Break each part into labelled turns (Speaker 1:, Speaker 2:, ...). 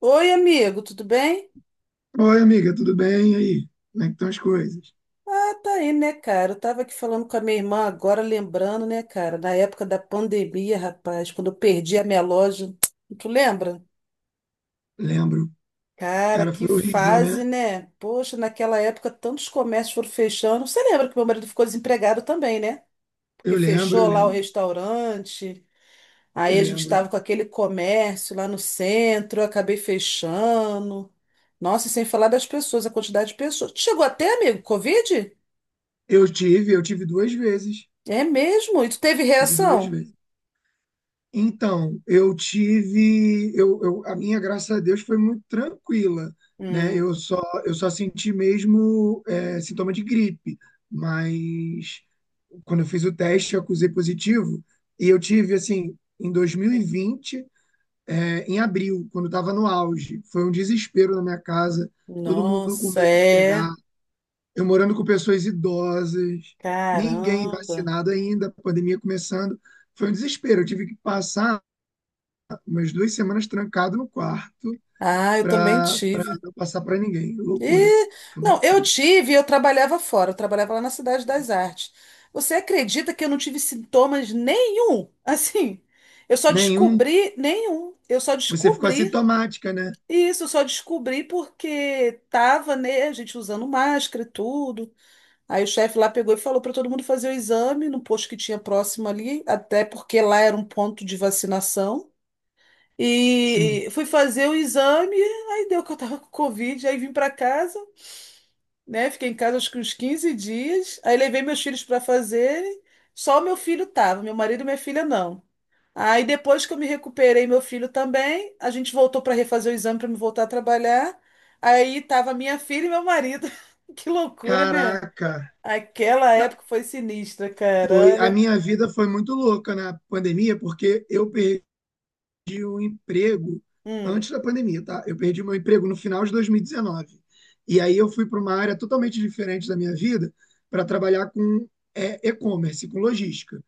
Speaker 1: Oi, amigo, tudo bem?
Speaker 2: Oi, amiga, tudo bem? E aí? Como é que estão as coisas?
Speaker 1: Ah, tá aí, né, cara? Eu tava aqui falando com a minha irmã agora, lembrando, né, cara, na época da pandemia, rapaz, quando eu perdi a minha loja. Tu lembra?
Speaker 2: Lembro.
Speaker 1: Cara,
Speaker 2: Cara,
Speaker 1: que
Speaker 2: foi horrível,
Speaker 1: fase,
Speaker 2: né?
Speaker 1: né? Poxa, naquela época tantos comércios foram fechando. Você lembra que meu marido ficou desempregado também, né? Porque
Speaker 2: Eu lembro, eu
Speaker 1: fechou lá o
Speaker 2: lembro,
Speaker 1: restaurante.
Speaker 2: eu
Speaker 1: Aí a gente
Speaker 2: lembro.
Speaker 1: estava com aquele comércio lá no centro, eu acabei fechando. Nossa, e sem falar das pessoas, a quantidade de pessoas. Chegou até, amigo, Covid?
Speaker 2: Eu tive duas vezes.
Speaker 1: É mesmo? E tu teve
Speaker 2: Tive duas
Speaker 1: reação?
Speaker 2: vezes. Então, eu tive, a minha, graças a Deus, foi muito tranquila, né?
Speaker 1: Hum,
Speaker 2: Eu só senti mesmo sintoma de gripe, mas quando eu fiz o teste, eu acusei positivo e eu tive, assim, em 2020 em abril, quando estava no auge. Foi um desespero na minha casa, todo mundo com
Speaker 1: nossa,
Speaker 2: medo de pegar.
Speaker 1: é.
Speaker 2: Eu morando com pessoas idosas, ninguém
Speaker 1: Caramba.
Speaker 2: vacinado ainda, a pandemia começando. Foi um desespero. Eu tive que passar umas duas semanas trancado no quarto
Speaker 1: Ah, eu também
Speaker 2: para
Speaker 1: tive.
Speaker 2: não passar para ninguém. Loucura.
Speaker 1: E,
Speaker 2: Foi uma
Speaker 1: não, eu
Speaker 2: loucura.
Speaker 1: tive, e eu trabalhava fora, eu trabalhava lá na Cidade das Artes. Você acredita que eu não tive sintomas nenhum? Assim, eu só
Speaker 2: Nenhum.
Speaker 1: descobri nenhum. Eu só
Speaker 2: Você ficou
Speaker 1: descobri
Speaker 2: assintomática, né?
Speaker 1: isso, eu só descobri porque tava, né, a gente usando máscara e tudo. Aí o chefe lá pegou e falou para todo mundo fazer o exame no posto que tinha próximo ali, até porque lá era um ponto de vacinação.
Speaker 2: Sim.
Speaker 1: E fui fazer o exame, aí deu que eu tava com Covid, aí vim para casa, né? Fiquei em casa acho que uns 15 dias. Aí levei meus filhos para fazerem, só o meu filho tava, meu marido e minha filha não. Aí depois que eu me recuperei, meu filho também, a gente voltou para refazer o exame para me voltar a trabalhar. Aí tava minha filha e meu marido. Que loucura, né?
Speaker 2: Caraca.
Speaker 1: Aquela
Speaker 2: Ca-
Speaker 1: época foi sinistra,
Speaker 2: Foi, a
Speaker 1: caralho.
Speaker 2: minha vida foi muito louca na pandemia, porque eu perdi o emprego
Speaker 1: Hum,
Speaker 2: antes da pandemia, tá? Eu perdi meu emprego no final de 2019. E dezenove. E aí eu fui para uma área totalmente diferente da minha vida para trabalhar com e-commerce, com logística.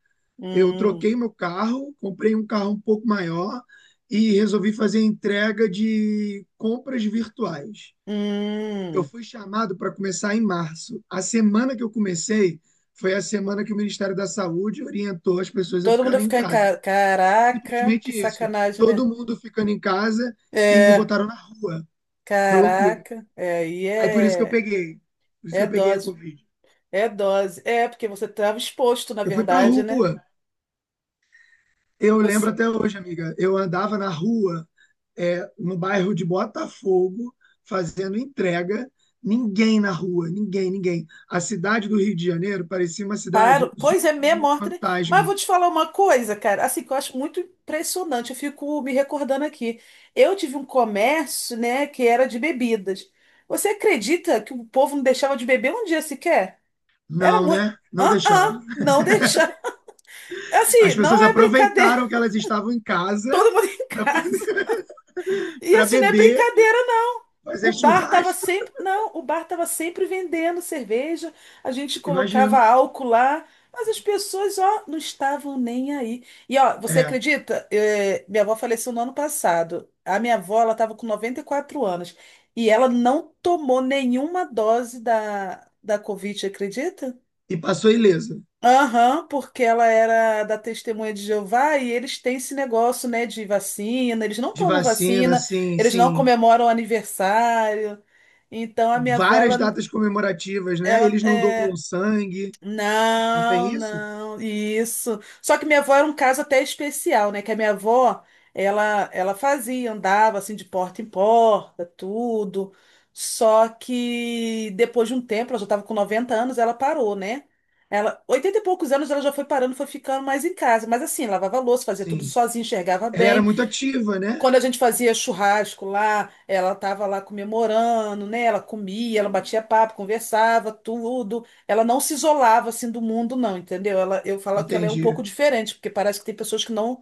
Speaker 2: Eu
Speaker 1: hum,
Speaker 2: troquei meu carro, comprei um carro um pouco maior e resolvi fazer entrega de compras virtuais. Eu
Speaker 1: hum.
Speaker 2: fui chamado para começar em março. A semana que eu comecei foi a semana que o Ministério da Saúde orientou as pessoas a
Speaker 1: Todo mundo ia
Speaker 2: ficarem em
Speaker 1: ficar em
Speaker 2: casa.
Speaker 1: ca... Caraca,
Speaker 2: Simplesmente
Speaker 1: que
Speaker 2: isso.
Speaker 1: sacanagem, né?
Speaker 2: Todo mundo ficando em casa e me
Speaker 1: É,
Speaker 2: botaram na rua. Foi loucura.
Speaker 1: caraca.
Speaker 2: Aí por isso que eu peguei. Por isso que
Speaker 1: É
Speaker 2: eu peguei a
Speaker 1: dose.
Speaker 2: Covid.
Speaker 1: É dose. É, porque você estava exposto, na
Speaker 2: Eu fui pra
Speaker 1: verdade, né?
Speaker 2: rua. Eu lembro
Speaker 1: Você
Speaker 2: até hoje, amiga. Eu andava na rua, no bairro de Botafogo, fazendo entrega. Ninguém na rua, ninguém, ninguém. A cidade do Rio de Janeiro parecia uma cidade
Speaker 1: Paro. Pois é, meia
Speaker 2: zumbi,
Speaker 1: morte, né? Mas
Speaker 2: fantasma.
Speaker 1: vou te falar uma coisa, cara, assim, que eu acho muito impressionante, eu fico me recordando aqui. Eu tive um comércio, né, que era de bebidas. Você acredita que o povo não deixava de beber um dia sequer? Era
Speaker 2: Não,
Speaker 1: muito.
Speaker 2: né? Não deixava.
Speaker 1: Não deixar. Assim,
Speaker 2: As
Speaker 1: não
Speaker 2: pessoas
Speaker 1: é brincadeira.
Speaker 2: aproveitaram que elas estavam em casa
Speaker 1: Todo mundo em casa. E
Speaker 2: para
Speaker 1: assim, não é
Speaker 2: beber
Speaker 1: brincadeira. O
Speaker 2: fazer
Speaker 1: bar estava
Speaker 2: churrasco,
Speaker 1: sempre, não, o bar estava sempre vendendo cerveja, a gente colocava
Speaker 2: imagino.
Speaker 1: álcool lá, mas as pessoas, ó, não estavam nem aí. E ó, você
Speaker 2: É.
Speaker 1: acredita? Eh, minha avó faleceu no ano passado. A minha avó, ela estava com 94 anos e ela não tomou nenhuma dose da Covid, acredita?
Speaker 2: E passou ilesa
Speaker 1: Aham, porque ela era da Testemunha de Jeová e eles têm esse negócio, né, de vacina, eles não
Speaker 2: de
Speaker 1: tomam
Speaker 2: vacina,
Speaker 1: vacina,
Speaker 2: assim,
Speaker 1: eles não
Speaker 2: sim.
Speaker 1: comemoram aniversário. Então a minha avó,
Speaker 2: Várias datas comemorativas, né?
Speaker 1: ela,
Speaker 2: Eles não
Speaker 1: é,
Speaker 2: doam sangue, não tem
Speaker 1: não,
Speaker 2: isso?
Speaker 1: não, isso. Só que minha avó era um caso até especial, né? Que a minha avó, ela fazia, andava assim de porta em porta, tudo. Só que depois de um tempo, ela já estava com 90 anos, ela parou, né? Ela, 80 e poucos anos, ela já foi parando, foi ficando mais em casa. Mas assim, lavava louça, fazia tudo
Speaker 2: Sim.
Speaker 1: sozinha, enxergava
Speaker 2: Ela era
Speaker 1: bem.
Speaker 2: muito ativa, né?
Speaker 1: Quando a gente fazia churrasco lá, ela estava lá comemorando, né? Ela comia, ela batia papo, conversava, tudo. Ela não se isolava assim do mundo, não, entendeu? Ela, eu falo que ela é um pouco
Speaker 2: Entendi.
Speaker 1: diferente, porque parece que tem pessoas que não,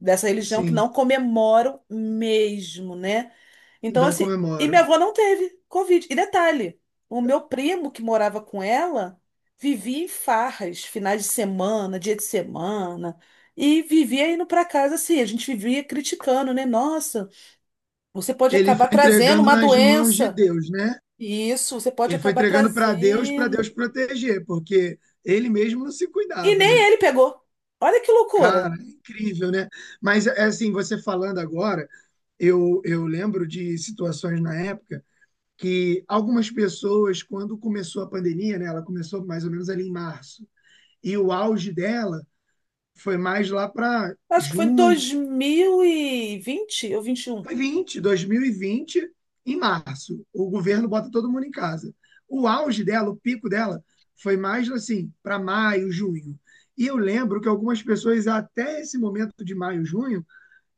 Speaker 1: dessa religião, que
Speaker 2: Sim,
Speaker 1: não comemoram mesmo, né? Então,
Speaker 2: não
Speaker 1: assim, e
Speaker 2: comemoro.
Speaker 1: minha avó não teve Covid. E detalhe, o meu primo que morava com ela vivia em farras, finais de semana, dia de semana. E vivia indo para casa assim, a gente vivia criticando, né? Nossa, você pode
Speaker 2: Ele
Speaker 1: acabar
Speaker 2: foi
Speaker 1: trazendo
Speaker 2: entregando
Speaker 1: uma
Speaker 2: nas mãos de
Speaker 1: doença.
Speaker 2: Deus, né?
Speaker 1: Isso, você pode
Speaker 2: Ele foi
Speaker 1: acabar
Speaker 2: entregando para Deus
Speaker 1: trazendo.
Speaker 2: proteger, porque ele mesmo não se
Speaker 1: E
Speaker 2: cuidava,
Speaker 1: nem
Speaker 2: né?
Speaker 1: ele pegou. Olha que
Speaker 2: Cara,
Speaker 1: loucura.
Speaker 2: é incrível, né? Mas é assim, você falando agora, eu lembro de situações na época que algumas pessoas, quando começou a pandemia, né, ela começou mais ou menos ali em março, e o auge dela foi mais lá para
Speaker 1: Acho que foi em
Speaker 2: junho,
Speaker 1: 2020 ou 21.
Speaker 2: foi 2020, em março. O governo bota todo mundo em casa. O auge dela, o pico dela, foi mais assim, para maio, junho. E eu lembro que algumas pessoas, até esse momento de maio, junho,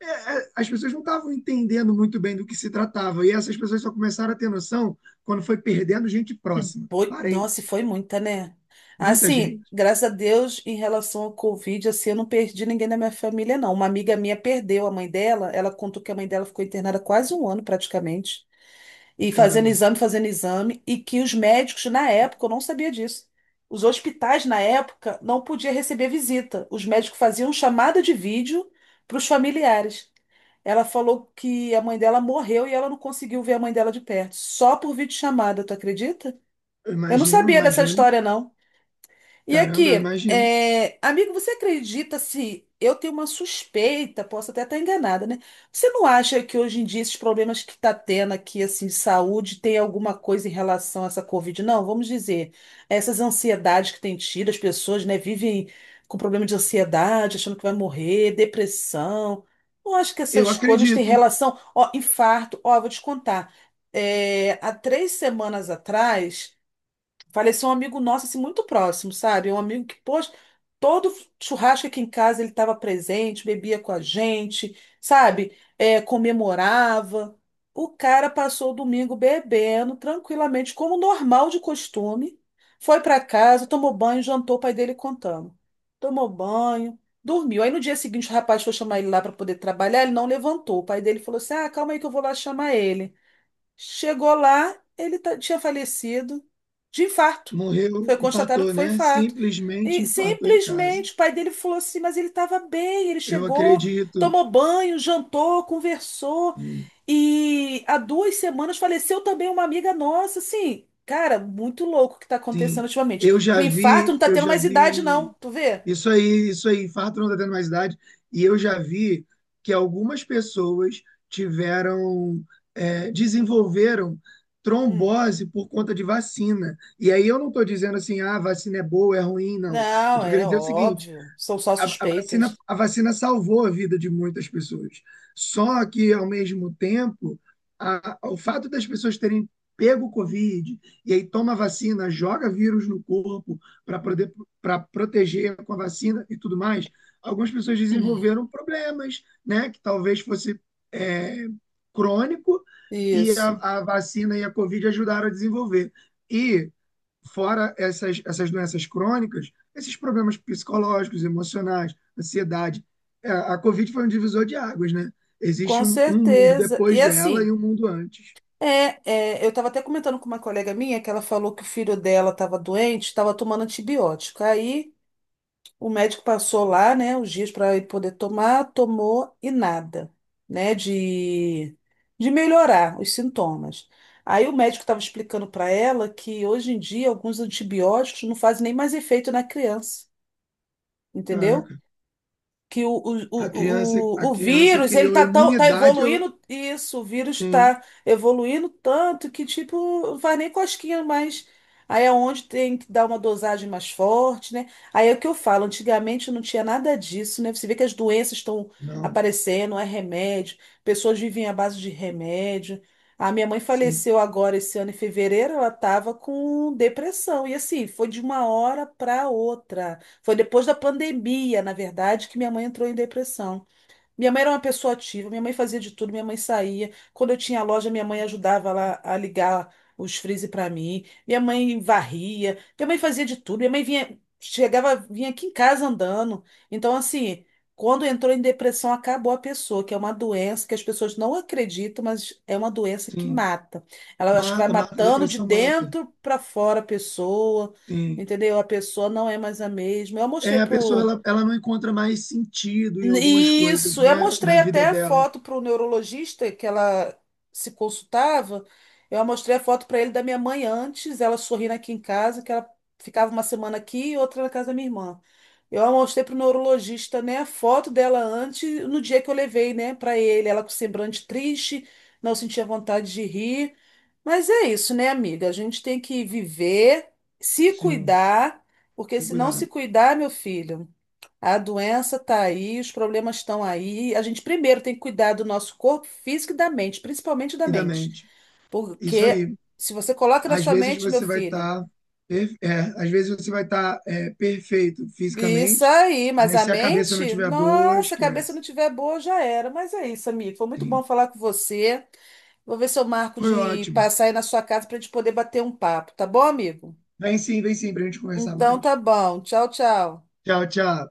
Speaker 2: é, as pessoas não estavam entendendo muito bem do que se tratava. E essas pessoas só começaram a ter noção quando foi perdendo gente próxima,
Speaker 1: Foi-
Speaker 2: parente.
Speaker 1: Nossa, e foi muita, né?
Speaker 2: Muita
Speaker 1: Assim,
Speaker 2: gente.
Speaker 1: graças a Deus, em relação ao Covid, assim, eu não perdi ninguém da minha família, não. Uma amiga minha perdeu a mãe dela. Ela contou que a mãe dela ficou internada quase um ano, praticamente. E
Speaker 2: Caramba,
Speaker 1: fazendo exame, e que os médicos, na época, eu não sabia disso. Os hospitais, na época, não podiam receber visita. Os médicos faziam chamada de vídeo para os familiares. Ela falou que a mãe dela morreu e ela não conseguiu ver a mãe dela de perto, só por videochamada, tu acredita?
Speaker 2: eu
Speaker 1: Eu não
Speaker 2: imagino,
Speaker 1: sabia dessa
Speaker 2: imagino.
Speaker 1: história, não. E
Speaker 2: Caramba, eu
Speaker 1: aqui,
Speaker 2: imagino.
Speaker 1: é, amigo, você acredita se eu tenho uma suspeita, posso até estar enganada, né? Você não acha que hoje em dia esses problemas que está tendo aqui, assim, de saúde, tem alguma coisa em relação a essa Covid? Não, vamos dizer, essas ansiedades que tem tido, as pessoas, né, vivem com problema de ansiedade, achando que vai morrer, depressão. Não acho que
Speaker 2: Eu
Speaker 1: essas coisas têm
Speaker 2: acredito.
Speaker 1: relação, ó, infarto, ó, vou te contar. É, há 3 semanas atrás. Faleceu um amigo nosso, assim, muito próximo, sabe? Um amigo que, poxa, todo churrasco aqui em casa ele estava presente, bebia com a gente, sabe? É, comemorava. O cara passou o domingo bebendo tranquilamente, como normal de costume. Foi para casa, tomou banho, jantou, o pai dele contando. Tomou banho, dormiu. Aí no dia seguinte o rapaz foi chamar ele lá para poder trabalhar, ele não levantou. O pai dele falou assim: Ah, calma aí que eu vou lá chamar ele. Chegou lá, tinha falecido de infarto.
Speaker 2: Morreu,
Speaker 1: Foi constatado que
Speaker 2: infartou,
Speaker 1: foi
Speaker 2: né?
Speaker 1: infarto.
Speaker 2: Simplesmente
Speaker 1: E
Speaker 2: infartou em casa.
Speaker 1: simplesmente o pai dele falou assim: mas ele estava bem, ele
Speaker 2: Eu
Speaker 1: chegou,
Speaker 2: acredito.
Speaker 1: tomou banho, jantou, conversou.
Speaker 2: Sim,
Speaker 1: E há 2 semanas faleceu também uma amiga nossa, assim. Cara, muito louco o que está acontecendo
Speaker 2: sim.
Speaker 1: ultimamente.
Speaker 2: Eu
Speaker 1: Que o
Speaker 2: já
Speaker 1: infarto não
Speaker 2: vi,
Speaker 1: está
Speaker 2: eu
Speaker 1: tendo
Speaker 2: já
Speaker 1: mais idade, não.
Speaker 2: vi.
Speaker 1: Tu vê?
Speaker 2: Isso aí, infarto não está tendo mais idade. E eu já vi que algumas pessoas tiveram, desenvolveram
Speaker 1: Hum.
Speaker 2: trombose por conta de vacina. E aí eu não estou dizendo assim, ah, vacina é boa, é ruim, não. Eu
Speaker 1: Não,
Speaker 2: estou querendo
Speaker 1: é
Speaker 2: dizer o seguinte:
Speaker 1: óbvio. São só
Speaker 2: A, a vacina,
Speaker 1: suspeitas.
Speaker 2: a vacina salvou a vida de muitas pessoas. Só que, ao mesmo tempo, o fato das pessoas terem pego o Covid e aí toma a vacina, joga vírus no corpo para poder para proteger com a vacina e tudo mais, algumas pessoas desenvolveram problemas, né? Que talvez fosse é, crônico e
Speaker 1: Isso.
Speaker 2: a vacina e a Covid ajudaram a desenvolver. E fora essas doenças crônicas, esses problemas psicológicos, emocionais, ansiedade. É, a Covid foi um divisor de águas, né?
Speaker 1: Com
Speaker 2: Existe um mundo
Speaker 1: certeza. E
Speaker 2: depois dela
Speaker 1: assim.
Speaker 2: e um mundo antes.
Speaker 1: Eu estava até comentando com uma colega minha que ela falou que o filho dela estava doente, estava tomando antibiótico. Aí o médico passou lá, né, os dias para ele poder tomar, tomou e nada, né, de, de melhorar os sintomas. Aí o médico estava explicando para ela que hoje em dia alguns antibióticos não fazem nem mais efeito na criança, entendeu?
Speaker 2: Caraca,
Speaker 1: Que o, o,
Speaker 2: a criança,
Speaker 1: o,
Speaker 2: a
Speaker 1: o o
Speaker 2: criança
Speaker 1: vírus,
Speaker 2: criou
Speaker 1: tá
Speaker 2: imunidade.
Speaker 1: evoluindo, isso, o vírus
Speaker 2: Sim,
Speaker 1: tá evoluindo tanto que, tipo, não faz nem cosquinha mais. Aí é onde tem que dar uma dosagem mais forte, né? Aí é o que eu falo, antigamente não tinha nada disso, né? Você vê que as doenças estão
Speaker 2: não,
Speaker 1: aparecendo, é remédio, pessoas vivem à base de remédio. A minha mãe
Speaker 2: sim,
Speaker 1: faleceu agora esse ano em fevereiro, ela estava com depressão. E assim, foi de uma hora para outra. Foi depois da pandemia, na verdade, que minha mãe entrou em depressão. Minha mãe era uma pessoa ativa, minha mãe fazia de tudo, minha mãe saía. Quando eu tinha loja, minha mãe ajudava lá a ligar os freezer para mim. Minha mãe varria, minha mãe fazia de tudo. Minha mãe vinha, chegava, vinha aqui em casa andando. Então, assim, quando entrou em depressão, acabou a pessoa, que é uma doença que as pessoas não acreditam, mas é uma doença que
Speaker 2: sim.
Speaker 1: mata. Ela acho que vai
Speaker 2: Mata, mata,
Speaker 1: matando de
Speaker 2: depressão mata.
Speaker 1: dentro para fora a pessoa,
Speaker 2: Sim.
Speaker 1: entendeu? A pessoa não é mais a mesma. Eu mostrei
Speaker 2: É, a pessoa
Speaker 1: pro
Speaker 2: ela não encontra mais sentido em algumas coisas,
Speaker 1: isso, eu
Speaker 2: né?
Speaker 1: mostrei
Speaker 2: Na vida
Speaker 1: até a
Speaker 2: dela.
Speaker 1: foto para o neurologista que ela se consultava. Eu mostrei a foto para ele da minha mãe antes, ela sorrindo aqui em casa, que ela ficava uma semana aqui e outra na casa da minha irmã. Eu mostrei para o neurologista, né, a foto dela antes, no dia que eu levei, né, para ele, ela com semblante triste, não sentia vontade de rir. Mas é isso, né, amiga? A gente tem que viver, se
Speaker 2: Sim,
Speaker 1: cuidar, porque
Speaker 2: tem que
Speaker 1: se não
Speaker 2: cuidar.
Speaker 1: se cuidar, meu filho. A doença está aí, os problemas estão aí. A gente primeiro tem que cuidar do nosso corpo físico e da mente, principalmente da
Speaker 2: E da
Speaker 1: mente.
Speaker 2: mente. Isso
Speaker 1: Porque
Speaker 2: aí.
Speaker 1: se você coloca na
Speaker 2: Às
Speaker 1: sua
Speaker 2: vezes
Speaker 1: mente, meu
Speaker 2: você vai
Speaker 1: filho,
Speaker 2: estar, às vezes você vai estar perfeito
Speaker 1: isso
Speaker 2: fisicamente,
Speaker 1: aí, mas
Speaker 2: mas
Speaker 1: a
Speaker 2: se a cabeça não
Speaker 1: mente,
Speaker 2: tiver boa,
Speaker 1: nossa, a cabeça
Speaker 2: esquece.
Speaker 1: não tiver boa, já era. Mas é isso, amigo. Foi muito
Speaker 2: Sim.
Speaker 1: bom falar com você. Vou ver se eu marco
Speaker 2: Foi
Speaker 1: de
Speaker 2: ótimo.
Speaker 1: passar aí na sua casa para a gente poder bater um papo, tá bom, amigo?
Speaker 2: Vem sim, para a gente conversar
Speaker 1: Então
Speaker 2: mais.
Speaker 1: tá bom. Tchau, tchau.
Speaker 2: Tchau, tchau.